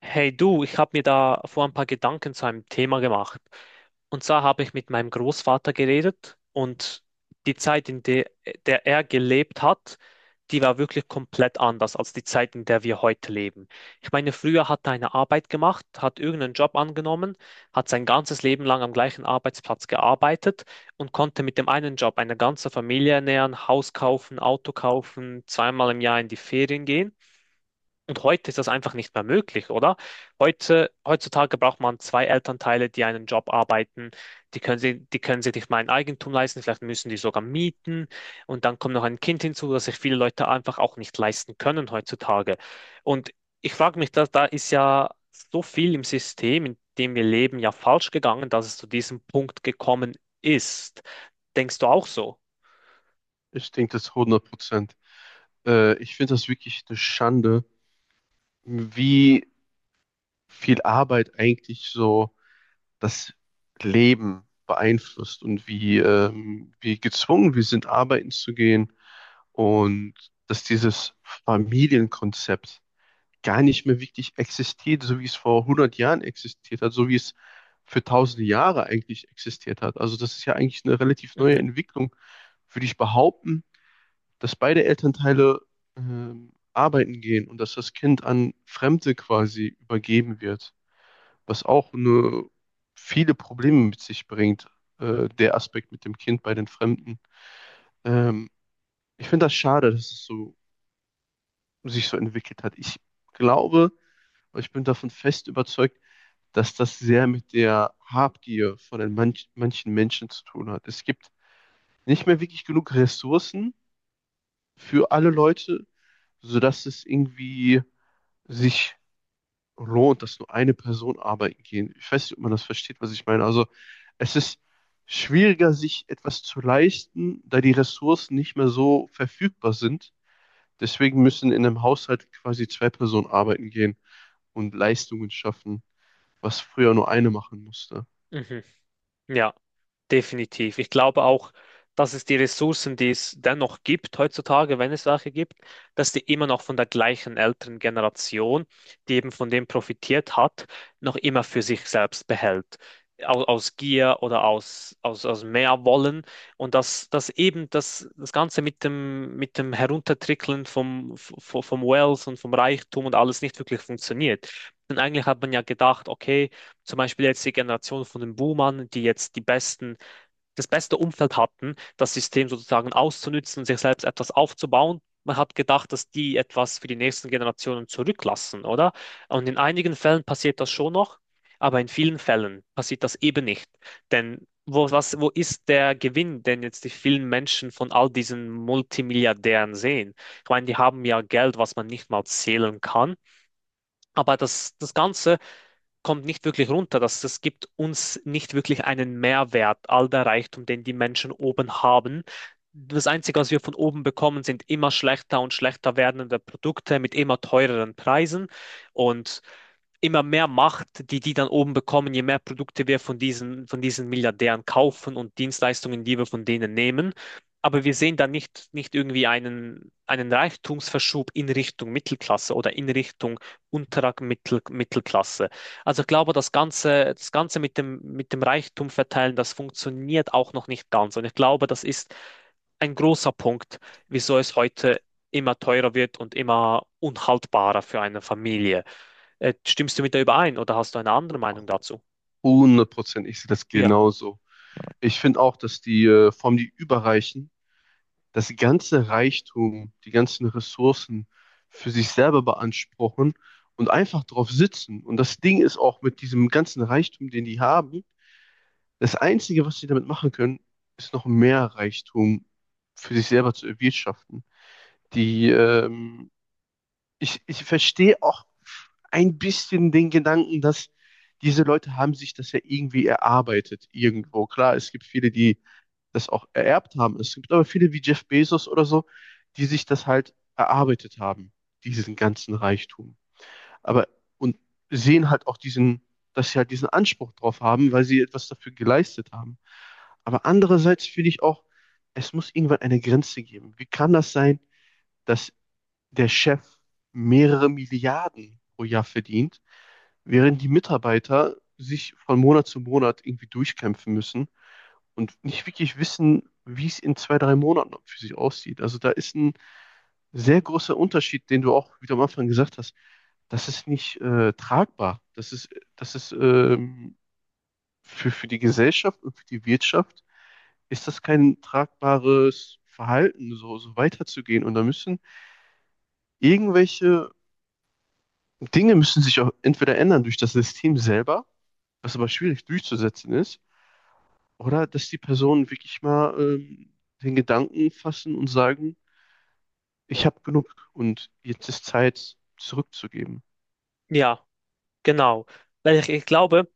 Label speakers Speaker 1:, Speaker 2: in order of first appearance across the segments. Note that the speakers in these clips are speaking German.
Speaker 1: Hey du, ich habe mir da vor ein paar Gedanken zu einem Thema gemacht. Und zwar habe ich mit meinem Großvater geredet und die Zeit, in der er gelebt hat, die war wirklich komplett anders als die Zeit, in der wir heute leben. Ich meine, früher hat er eine Arbeit gemacht, hat irgendeinen Job angenommen, hat sein ganzes Leben lang am gleichen Arbeitsplatz gearbeitet und konnte mit dem einen Job eine ganze Familie ernähren, Haus kaufen, Auto kaufen, zweimal im Jahr in die Ferien gehen. Und heute ist das einfach nicht mehr möglich, oder? Heute, heutzutage braucht man zwei Elternteile, die einen Job arbeiten. Die können sie, die können sich nicht mal ein Eigentum leisten, vielleicht müssen die sogar mieten. Und dann kommt noch ein Kind hinzu, das sich viele Leute einfach auch nicht leisten können heutzutage. Und ich frage mich, da ist ja so viel im System, in dem wir leben, ja falsch gegangen, dass es zu diesem Punkt gekommen ist. Denkst du auch so?
Speaker 2: Ich denke das 100%. Ich finde das wirklich eine Schande, wie viel Arbeit eigentlich so das Leben beeinflusst und wie gezwungen wir sind, arbeiten zu gehen und dass dieses Familienkonzept gar nicht mehr wirklich existiert, so wie es vor 100 Jahren existiert hat, so wie es für tausende Jahre eigentlich existiert hat. Also das ist ja eigentlich eine relativ neue
Speaker 1: Mhm,
Speaker 2: Entwicklung, würde ich behaupten, dass beide Elternteile arbeiten gehen und dass das Kind an Fremde quasi übergeben wird, was auch viele Probleme mit sich bringt, der Aspekt mit dem Kind bei den Fremden. Ähm, ich finde das schade, dass es sich so entwickelt hat. Ich glaube, ich bin davon fest überzeugt, dass das sehr mit der Habgier von den manchen Menschen zu tun hat. Es gibt nicht mehr wirklich genug Ressourcen für alle Leute, sodass es irgendwie sich lohnt, dass nur eine Person arbeiten gehen. Ich weiß nicht, ob man das versteht, was ich meine. Also es ist schwieriger, sich etwas zu leisten, da die Ressourcen nicht mehr so verfügbar sind. Deswegen müssen in einem Haushalt quasi zwei Personen arbeiten gehen und Leistungen schaffen, was früher nur eine machen musste.
Speaker 1: mhm, ja. Definitiv. Ich glaube auch, dass es die Ressourcen, die es dennoch gibt heutzutage, wenn es welche gibt, dass die immer noch von der gleichen älteren Generation, die eben von dem profitiert hat, noch immer für sich selbst behält. Aus Gier oder aus mehr Wollen. Und dass eben das Ganze mit dem Heruntertrickeln vom Wealth und vom Reichtum und alles nicht wirklich funktioniert. Denn eigentlich hat man ja gedacht, okay, zum Beispiel jetzt die Generation von den Boomern, die jetzt die besten das beste Umfeld hatten, das System sozusagen auszunutzen, sich selbst etwas aufzubauen. Man hat gedacht, dass die etwas für die nächsten Generationen zurücklassen, oder? Und in einigen Fällen passiert das schon noch, aber in vielen Fällen passiert das eben nicht. Denn wo ist der Gewinn, den jetzt die vielen Menschen von all diesen Multimilliardären sehen? Ich meine, die haben ja Geld, was man nicht mal zählen kann. Aber das Ganze kommt nicht wirklich runter. Das gibt uns nicht wirklich einen Mehrwert, all der Reichtum, den die Menschen oben haben. Das Einzige, was wir von oben bekommen, sind immer schlechter und schlechter werdende Produkte mit immer teureren Preisen. Und immer mehr Macht, die die dann oben bekommen, je mehr Produkte wir von diesen Milliardären kaufen und Dienstleistungen, die wir von denen nehmen. Aber wir sehen da nicht irgendwie einen Reichtumsverschub in Richtung Mittelklasse oder in Richtung unterer Mittelklasse. Also ich glaube, das Ganze mit dem Reichtum verteilen, das funktioniert auch noch nicht ganz. Und ich glaube, das ist ein großer Punkt, wieso es heute immer teurer wird und immer unhaltbarer für eine Familie. Stimmst du mit der überein oder hast du eine andere Meinung dazu?
Speaker 2: 100%, ich sehe das
Speaker 1: Ja,
Speaker 2: genauso. Ich finde auch, dass die vor allem die Überreichen das ganze Reichtum, die ganzen Ressourcen für sich selber beanspruchen und einfach drauf sitzen. Und das Ding ist auch mit diesem ganzen Reichtum, den die haben, das Einzige, was sie damit machen können, ist noch mehr Reichtum für sich selber zu erwirtschaften. Die, ähm, ich verstehe auch ein bisschen den Gedanken, dass diese Leute haben sich das ja irgendwie erarbeitet irgendwo. Klar, es gibt viele, die das auch ererbt haben. Es gibt aber viele wie Jeff Bezos oder so, die sich das halt erarbeitet haben, diesen ganzen Reichtum. Aber und sehen halt auch diesen, dass sie halt diesen Anspruch drauf haben, weil sie etwas dafür geleistet haben. Aber andererseits finde ich auch, es muss irgendwann eine Grenze geben. Wie kann das sein, dass der Chef mehrere Milliarden pro Jahr verdient, während die Mitarbeiter sich von Monat zu Monat irgendwie durchkämpfen müssen und nicht wirklich wissen, wie es in 2, 3 Monaten für sich aussieht. Also da ist ein sehr großer Unterschied, den du auch, wie du am Anfang gesagt hast, das ist nicht tragbar. Das ist für die Gesellschaft und für die Wirtschaft ist das kein tragbares Verhalten, so weiterzugehen. Und da müssen irgendwelche Dinge müssen sich auch entweder ändern durch das System selber, was aber schwierig durchzusetzen ist, oder dass die Personen wirklich mal den Gedanken fassen und sagen, ich habe genug und jetzt ist Zeit zurückzugeben.
Speaker 1: ja, genau. Weil ich glaube,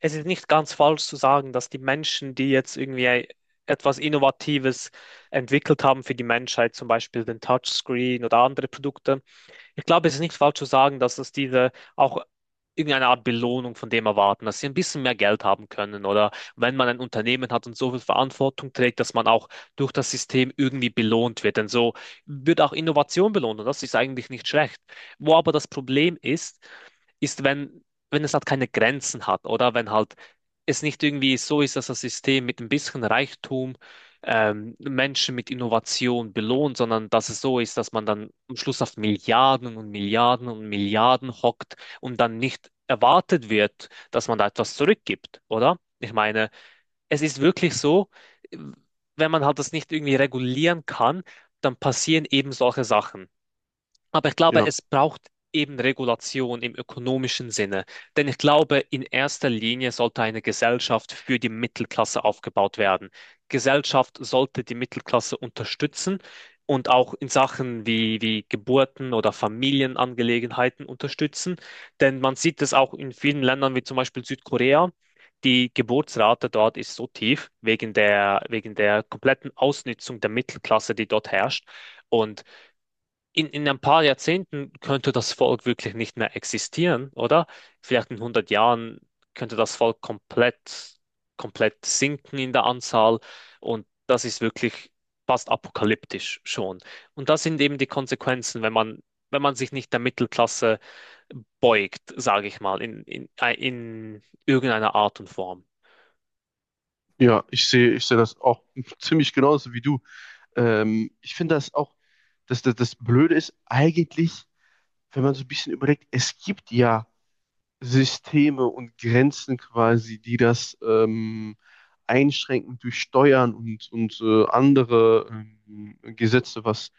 Speaker 1: es ist nicht ganz falsch zu sagen, dass die Menschen, die jetzt irgendwie etwas Innovatives entwickelt haben für die Menschheit, zum Beispiel den Touchscreen oder andere Produkte, ich glaube, es ist nicht falsch zu sagen, dass es diese auch irgendeine Art Belohnung von dem erwarten, dass sie ein bisschen mehr Geld haben können oder wenn man ein Unternehmen hat und so viel Verantwortung trägt, dass man auch durch das System irgendwie belohnt wird. Denn so wird auch Innovation belohnt und das ist eigentlich nicht schlecht. Wo aber das Problem ist, ist, wenn es halt keine Grenzen hat oder wenn halt es nicht irgendwie so ist, dass das System mit ein bisschen Reichtum Menschen mit Innovation belohnt, sondern dass es so ist, dass man dann am Schluss auf Milliarden und Milliarden und Milliarden hockt und dann nicht erwartet wird, dass man da etwas zurückgibt, oder? Ich meine, es ist wirklich so, wenn man halt das nicht irgendwie regulieren kann, dann passieren eben solche Sachen. Aber ich glaube,
Speaker 2: Ja,
Speaker 1: es braucht eben Regulation im ökonomischen Sinne. Denn ich glaube, in erster Linie sollte eine Gesellschaft für die Mittelklasse aufgebaut werden. Gesellschaft sollte die Mittelklasse unterstützen und auch in Sachen wie Geburten oder Familienangelegenheiten unterstützen. Denn man sieht es auch in vielen Ländern wie zum Beispiel Südkorea. Die Geburtsrate dort ist so tief wegen der kompletten Ausnutzung der Mittelklasse, die dort herrscht. Und in ein paar Jahrzehnten könnte das Volk wirklich nicht mehr existieren, oder? Vielleicht in 100 Jahren könnte das Volk komplett sinken in der Anzahl und das ist wirklich fast apokalyptisch schon. Und das sind eben die Konsequenzen, wenn man sich nicht der Mittelklasse beugt, sage ich mal, in irgendeiner Art und Form.
Speaker 2: ja, ich sehe das auch ziemlich genauso wie du. Ich finde das auch, dass das Blöde ist eigentlich, wenn man so ein bisschen überlegt, es gibt ja Systeme und Grenzen quasi, die das einschränken durch Steuern und andere Gesetze, was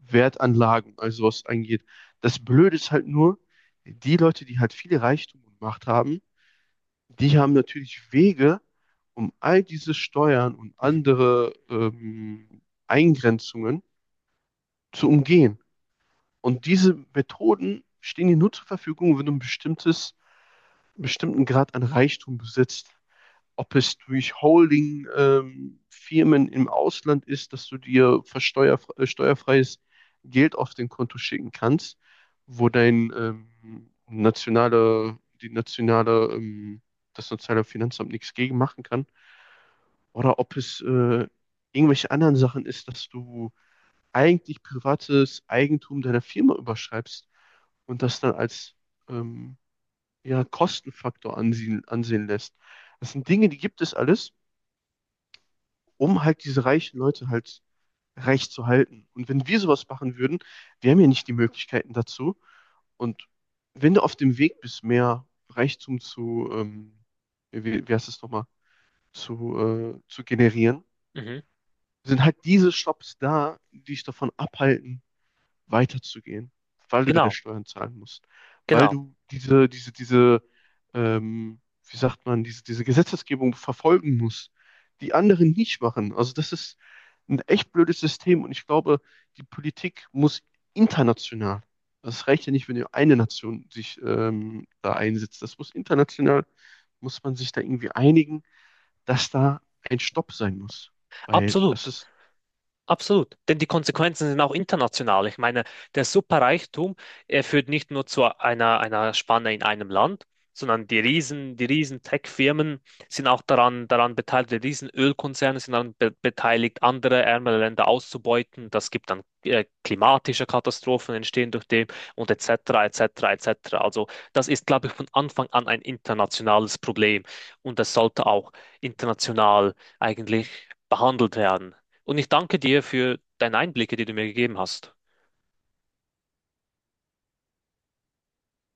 Speaker 2: Wertanlagen, also was angeht. Das Blöde ist halt nur, die Leute, die halt viel Reichtum und Macht haben, die haben natürlich Wege, um all diese Steuern und andere Eingrenzungen zu umgehen. Und diese Methoden stehen dir nur zur Verfügung, wenn du einen bestimmten Grad an Reichtum besitzt. Ob es durch Holding-Firmen im Ausland ist, dass du dir für steuerfreies Geld auf dein Konto schicken kannst, wo dein nationale, die nationale, das nationale Finanzamt nichts gegen machen kann oder ob es irgendwelche anderen Sachen ist, dass du eigentlich privates Eigentum deiner Firma überschreibst und das dann als ähm, ja, Kostenfaktor ansehen lässt. Das sind Dinge, die gibt es alles, um halt diese reichen Leute halt reich zu halten. Und wenn wir sowas machen würden, wir haben ja nicht die Möglichkeiten dazu. Und wenn du auf dem Weg bist, mehr Reichtum zu, wie heißt es nochmal, zu generieren,
Speaker 1: Mhm.
Speaker 2: sind halt diese Shops da, die dich davon abhalten, weiterzugehen, weil du deine
Speaker 1: Genau,
Speaker 2: Steuern zahlen musst, weil
Speaker 1: genau,
Speaker 2: du ähm, wie sagt man, diese Gesetzesgebung verfolgen musst, die anderen nicht machen. Also das ist ein echt blödes System und ich glaube, die Politik muss international, das reicht ja nicht, wenn nur eine Nation sich da einsetzt, das muss international, muss man sich da irgendwie einigen, dass da ein Stopp sein muss, weil das
Speaker 1: absolut.
Speaker 2: ist
Speaker 1: Absolut, denn die Konsequenzen sind auch international. Ich meine, der Superreichtum, er führt nicht nur zu einer Spanne in einem Land, sondern die riesen Tech-Firmen sind auch daran beteiligt, die riesen Ölkonzerne sind daran be beteiligt, andere ärmere Länder auszubeuten. Das gibt dann klimatische Katastrophen entstehen durch dem und et cetera, et cetera, et cetera. Also das ist, glaube ich, von Anfang an ein internationales Problem und das sollte auch international eigentlich behandelt werden. Und ich danke dir für deine Einblicke, die du mir gegeben hast.